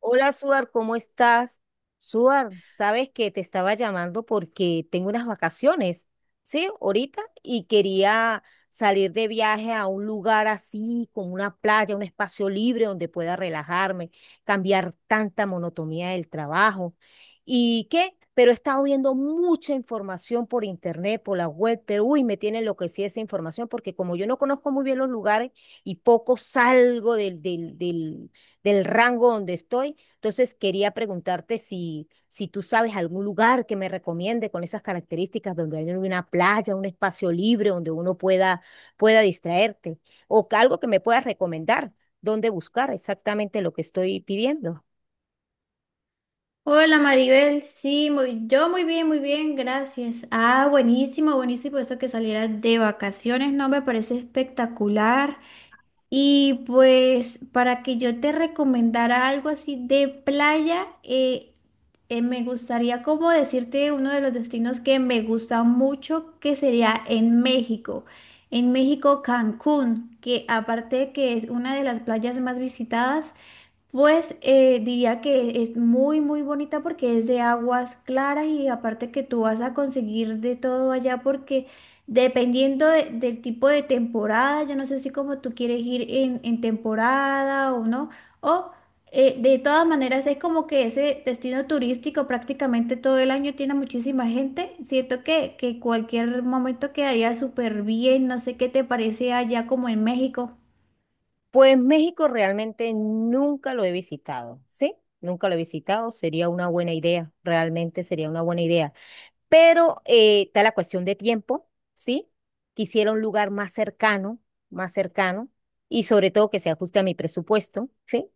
Hola, Suar, ¿cómo estás? Suar, sabes que te estaba llamando porque tengo unas vacaciones, ¿sí? Ahorita, y quería salir de viaje a un lugar así, como una playa, un espacio libre donde pueda relajarme, cambiar tanta monotonía del trabajo. ¿Y qué? Pero he estado viendo mucha información por internet, por la web, pero uy, me tiene enloquecida esa información porque como yo no conozco muy bien los lugares y poco salgo del rango donde estoy. Entonces quería preguntarte si tú sabes algún lugar que me recomiende con esas características donde hay una playa, un espacio libre donde uno pueda, pueda distraerte o que algo que me puedas recomendar, dónde buscar exactamente lo que estoy pidiendo. Hola Maribel, sí, yo muy bien, gracias. Ah, buenísimo, buenísimo eso que salieras de vacaciones, no me parece espectacular. Y pues para que yo te recomendara algo así de playa, me gustaría como decirte uno de los destinos que me gusta mucho, que sería en México. En México, Cancún, que aparte de que es una de las playas más visitadas, pues diría que es muy, muy bonita porque es de aguas claras y aparte que tú vas a conseguir de todo allá porque dependiendo del tipo de temporada, yo no sé si como tú quieres ir en temporada o no, o de todas maneras es como que ese destino turístico prácticamente todo el año tiene muchísima gente. Siento que cualquier momento quedaría súper bien, no sé qué te parece allá como en México. Pues México realmente nunca lo he visitado, ¿sí? Nunca lo he visitado, sería una buena idea, realmente sería una buena idea. Pero está la cuestión de tiempo, ¿sí? Quisiera un lugar más cercano, y sobre todo que se ajuste a mi presupuesto, ¿sí?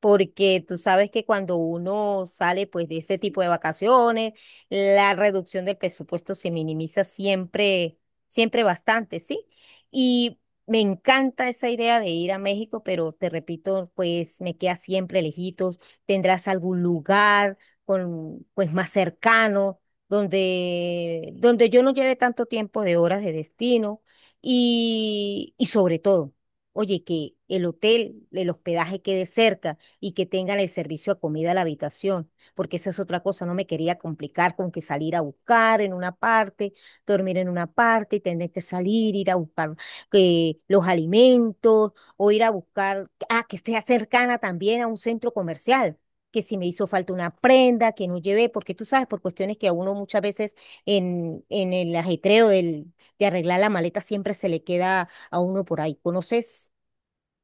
Porque tú sabes que cuando uno sale pues de este tipo de vacaciones, la reducción del presupuesto se minimiza siempre, siempre bastante, ¿sí? Y me encanta esa idea de ir a México, pero te repito, pues me queda siempre lejitos. ¿Tendrás algún lugar con, pues más cercano? Donde yo no lleve tanto tiempo de horas de destino y sobre todo, oye, que el hotel, el hospedaje quede cerca y que tengan el servicio a comida a la habitación, porque esa es otra cosa, no me quería complicar con que salir a buscar en una parte, dormir en una parte y tener que salir, ir a buscar los alimentos o ir a buscar, ah, que esté cercana también a un centro comercial que si me hizo falta una prenda, que no llevé, porque tú sabes, por cuestiones que a uno muchas veces en el ajetreo del, de arreglar la maleta siempre se le queda a uno por ahí. ¿Conoces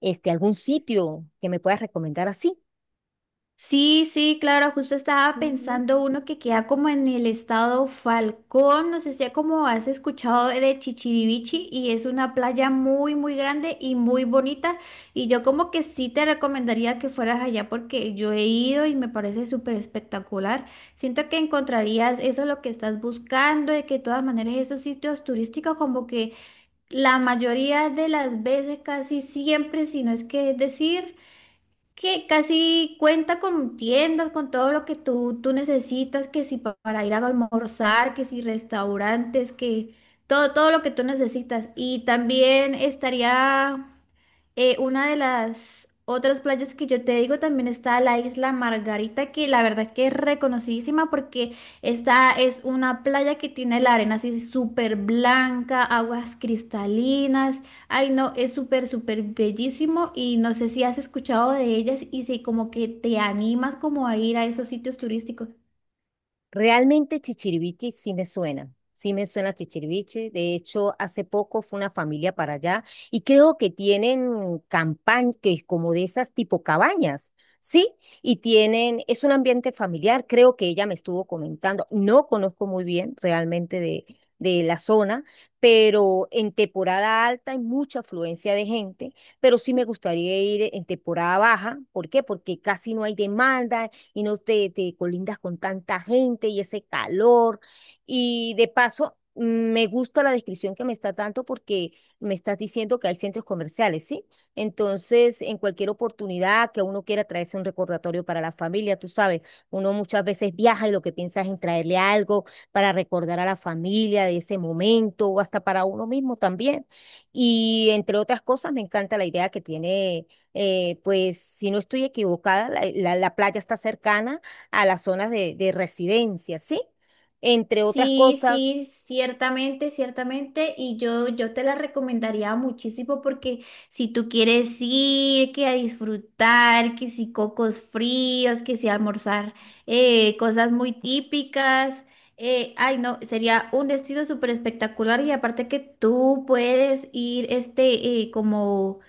este, algún sitio que me puedas recomendar así? Sí, sí, claro, justo estaba pensando uno que queda como en el estado Falcón, no sé si como has escuchado de Chichirivichi y es una playa muy, muy grande y muy bonita y yo como que sí te recomendaría que fueras allá porque yo he ido y me parece súper espectacular. Siento que encontrarías eso lo que estás buscando, de que de todas maneras esos sitios turísticos como que la mayoría de las veces, casi siempre, si no es que decir que casi cuenta con tiendas, con todo lo que tú necesitas, que si para ir a almorzar, que si restaurantes, que todo, todo lo que tú necesitas. Y también estaría una de las otras playas que yo te digo, también está la isla Margarita, que la verdad es que es reconocidísima porque esta es una playa que tiene la arena así súper blanca, aguas cristalinas. Ay, no, es súper, súper bellísimo y no sé si has escuchado de ellas y si como que te animas como a ir a esos sitios turísticos. Realmente Chichiriviche sí me suena Chichiriviche. De hecho, hace poco fue una familia para allá y creo que tienen campañas, como de esas tipo cabañas, ¿sí? Y tienen, es un ambiente familiar, creo que ella me estuvo comentando. No conozco muy bien realmente de la zona, pero en temporada alta hay mucha afluencia de gente, pero sí me gustaría ir en temporada baja. ¿Por qué? Porque casi no hay demanda y no te, te colindas con tanta gente y ese calor. Y de paso, me gusta la descripción que me está dando porque me estás diciendo que hay centros comerciales, ¿sí? Entonces, en cualquier oportunidad que uno quiera traerse un recordatorio para la familia, tú sabes, uno muchas veces viaja y lo que piensa es en traerle algo para recordar a la familia de ese momento o hasta para uno mismo también. Y entre otras cosas, me encanta la idea que tiene pues si no estoy equivocada, la playa está cercana a las zonas de residencia, ¿sí? Entre otras Sí, cosas, sí, ciertamente, ciertamente. Y yo te la recomendaría muchísimo porque si tú quieres ir, que a disfrutar, que si cocos fríos, que si almorzar cosas muy típicas. Ay, no, sería un destino súper espectacular y aparte que tú puedes ir como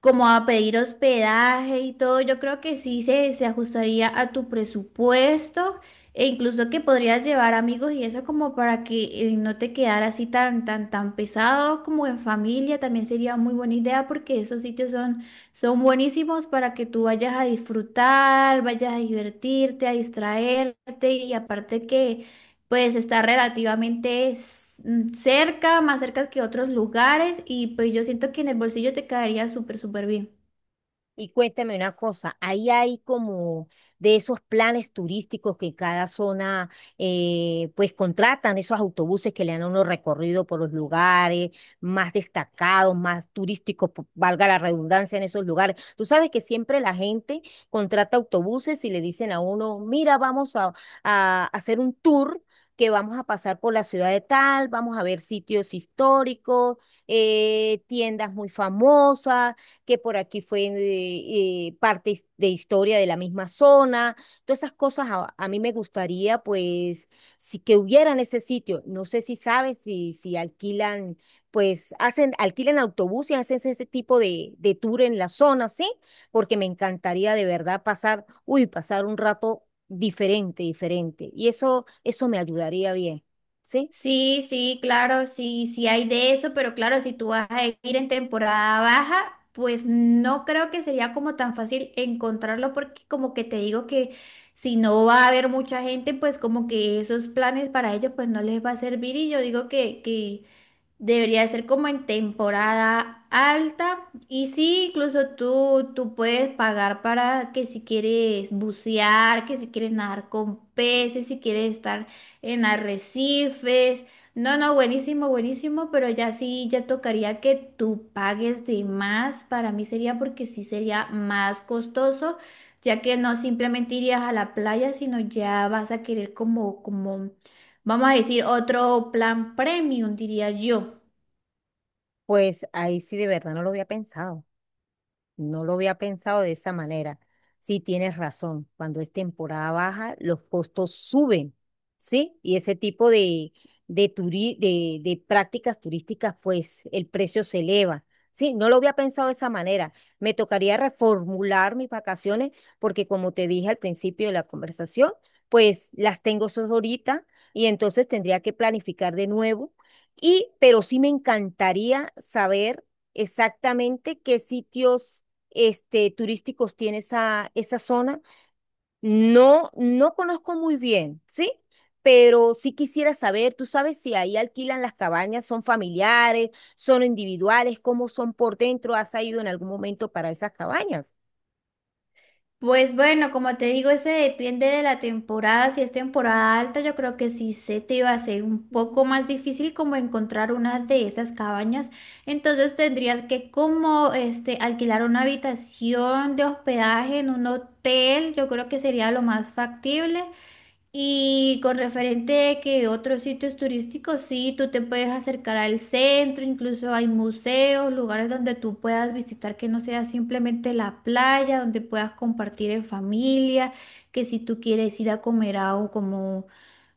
como a pedir hospedaje y todo, yo creo que sí se ajustaría a tu presupuesto e incluso que podrías llevar amigos y eso como para que no te quedara así tan, tan, tan pesado como en familia, también sería muy buena idea porque esos sitios son, son buenísimos para que tú vayas a disfrutar, vayas a divertirte, a distraerte y aparte que pues está relativamente cerca, más cerca que otros lugares y pues yo siento que en el bolsillo te quedaría súper, súper bien. y cuéntame una cosa, ahí hay como de esos planes turísticos que cada zona pues contratan, esos autobuses que le dan a uno recorrido por los lugares más destacados, más turísticos, po- valga la redundancia en esos lugares. Tú sabes que siempre la gente contrata autobuses y le dicen a uno, mira, vamos a hacer un tour, que vamos a pasar por la ciudad de tal, vamos a ver sitios históricos, tiendas muy famosas, que por aquí fue parte his- de historia de la misma zona, todas esas cosas a mí me gustaría pues si que hubiera en ese sitio, no sé si sabes si alquilan, pues hacen, alquilan autobuses, hacen ese tipo de tour en la zona, ¿sí? Porque me encantaría de verdad pasar, uy, pasar un rato diferente, diferente, y eso me ayudaría bien, ¿sí? Sí, sí, claro, sí, sí hay de eso, pero claro, si tú vas a ir en temporada baja, pues no creo que sería como tan fácil encontrarlo porque como que te digo que si no va a haber mucha gente, pues como que esos planes para ellos pues no les va a servir y yo digo que debería ser como en temporada alta. Y sí, incluso tú puedes pagar para que si quieres bucear, que si quieres nadar con peces, si quieres estar en arrecifes. No, no, buenísimo, buenísimo, pero ya sí, ya tocaría que tú pagues de más. Para mí sería porque sí sería más costoso, ya que no simplemente irías a la playa, sino ya vas a querer como, como, vamos a decir, otro plan premium, diría yo. Pues ahí sí de verdad no lo había pensado. No lo había pensado de esa manera. Sí, tienes razón. Cuando es temporada baja, los costos suben, ¿sí? Y ese tipo de, turi- de prácticas turísticas, pues el precio se eleva. Sí, no lo había pensado de esa manera. Me tocaría reformular mis vacaciones porque como te dije al principio de la conversación, pues las tengo solo ahorita y entonces tendría que planificar de nuevo. Y, pero sí me encantaría saber exactamente qué sitios este, turísticos tiene esa, esa zona. No, no conozco muy bien, ¿sí? Pero sí quisiera saber, tú sabes si ahí alquilan las cabañas, son familiares, son individuales, cómo son por dentro, ¿has ido en algún momento para esas cabañas? Pues bueno, como te digo, ese depende de la temporada. Si es temporada alta, yo creo que sí se te va a ser un poco más difícil como encontrar una de esas cabañas. Entonces tendrías que como alquilar una habitación de hospedaje en un hotel. Yo creo que sería lo más factible. Y con referente a que otros sitios turísticos, sí, tú te puedes acercar al centro, incluso hay museos, lugares donde tú puedas visitar que no sea simplemente la playa, donde puedas compartir en familia, que si tú quieres ir a comer a como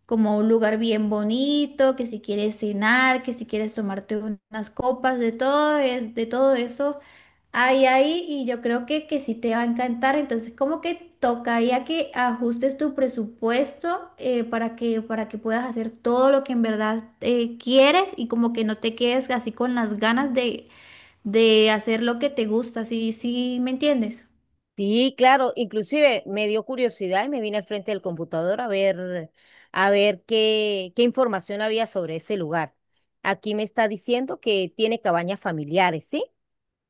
como un lugar bien bonito, que si quieres cenar, que si quieres tomarte unas copas, de todo, de todo eso hay ahí y yo creo que sí te va a encantar. Entonces, como que tocaría que ajustes tu presupuesto, para que puedas hacer todo lo que en verdad quieres y como que no te quedes así con las ganas de hacer lo que te gusta, ¿sí, sí me entiendes? Sí, claro, inclusive me dio curiosidad y me vine al frente del computador a ver qué, qué información había sobre ese lugar. Aquí me está diciendo que tiene cabañas familiares, ¿sí?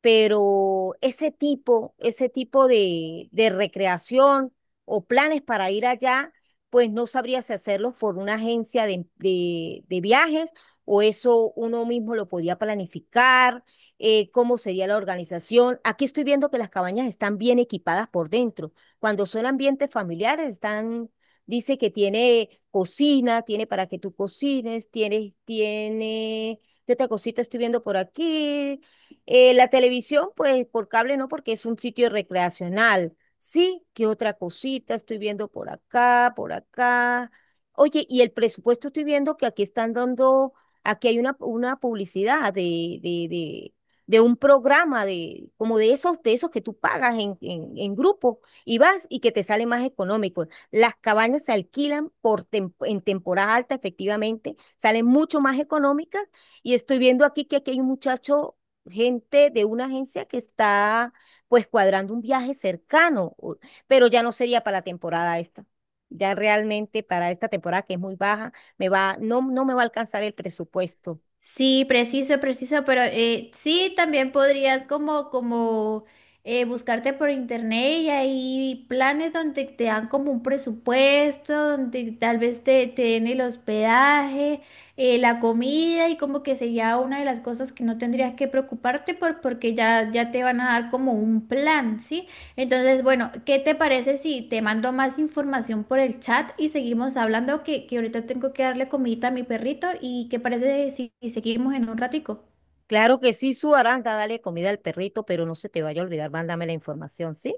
Pero ese tipo de recreación o planes para ir allá, pues no sabría si hacerlos por una agencia de viajes o eso uno mismo lo podía planificar, cómo sería la organización. Aquí estoy viendo que las cabañas están bien equipadas por dentro. Cuando son ambientes familiares, están... Dice que tiene cocina, tiene para que tú cocines, tiene, tiene, ¿qué otra cosita estoy viendo por aquí? La televisión, pues por cable no, porque es un sitio recreacional. Sí, ¿qué otra cosita estoy viendo por acá, por acá? Oye, y el presupuesto estoy viendo que aquí están dando, aquí hay una publicidad de un programa de, como de esos que tú pagas en grupo y vas y que te sale más económico. Las cabañas se alquilan por tem- en temporada alta, efectivamente, salen mucho más económicas. Y estoy viendo aquí que aquí hay un muchacho gente de una agencia que está pues cuadrando un viaje cercano, o- pero ya no sería para la temporada esta. Ya realmente para esta temporada que es muy baja, me va, no, no me va a alcanzar el presupuesto. Sí, preciso, preciso, pero sí, también podrías como, como buscarte por internet y hay planes donde te dan como un presupuesto, donde tal vez te den el hospedaje, la comida y como que sería una de las cosas que no tendrías que preocuparte por, porque ya te van a dar como un plan, ¿sí? Entonces, bueno, ¿qué te parece si te mando más información por el chat y seguimos hablando? Que ahorita tengo que darle comidita a mi perrito y ¿qué parece si seguimos en un ratico? Claro que sí, su Aranda, dale comida al perrito, pero no se te vaya a olvidar, mándame la información, ¿sí?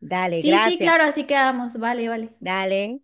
Dale, Sí, sí, gracias. claro, así quedamos. Vale, vale. Dale.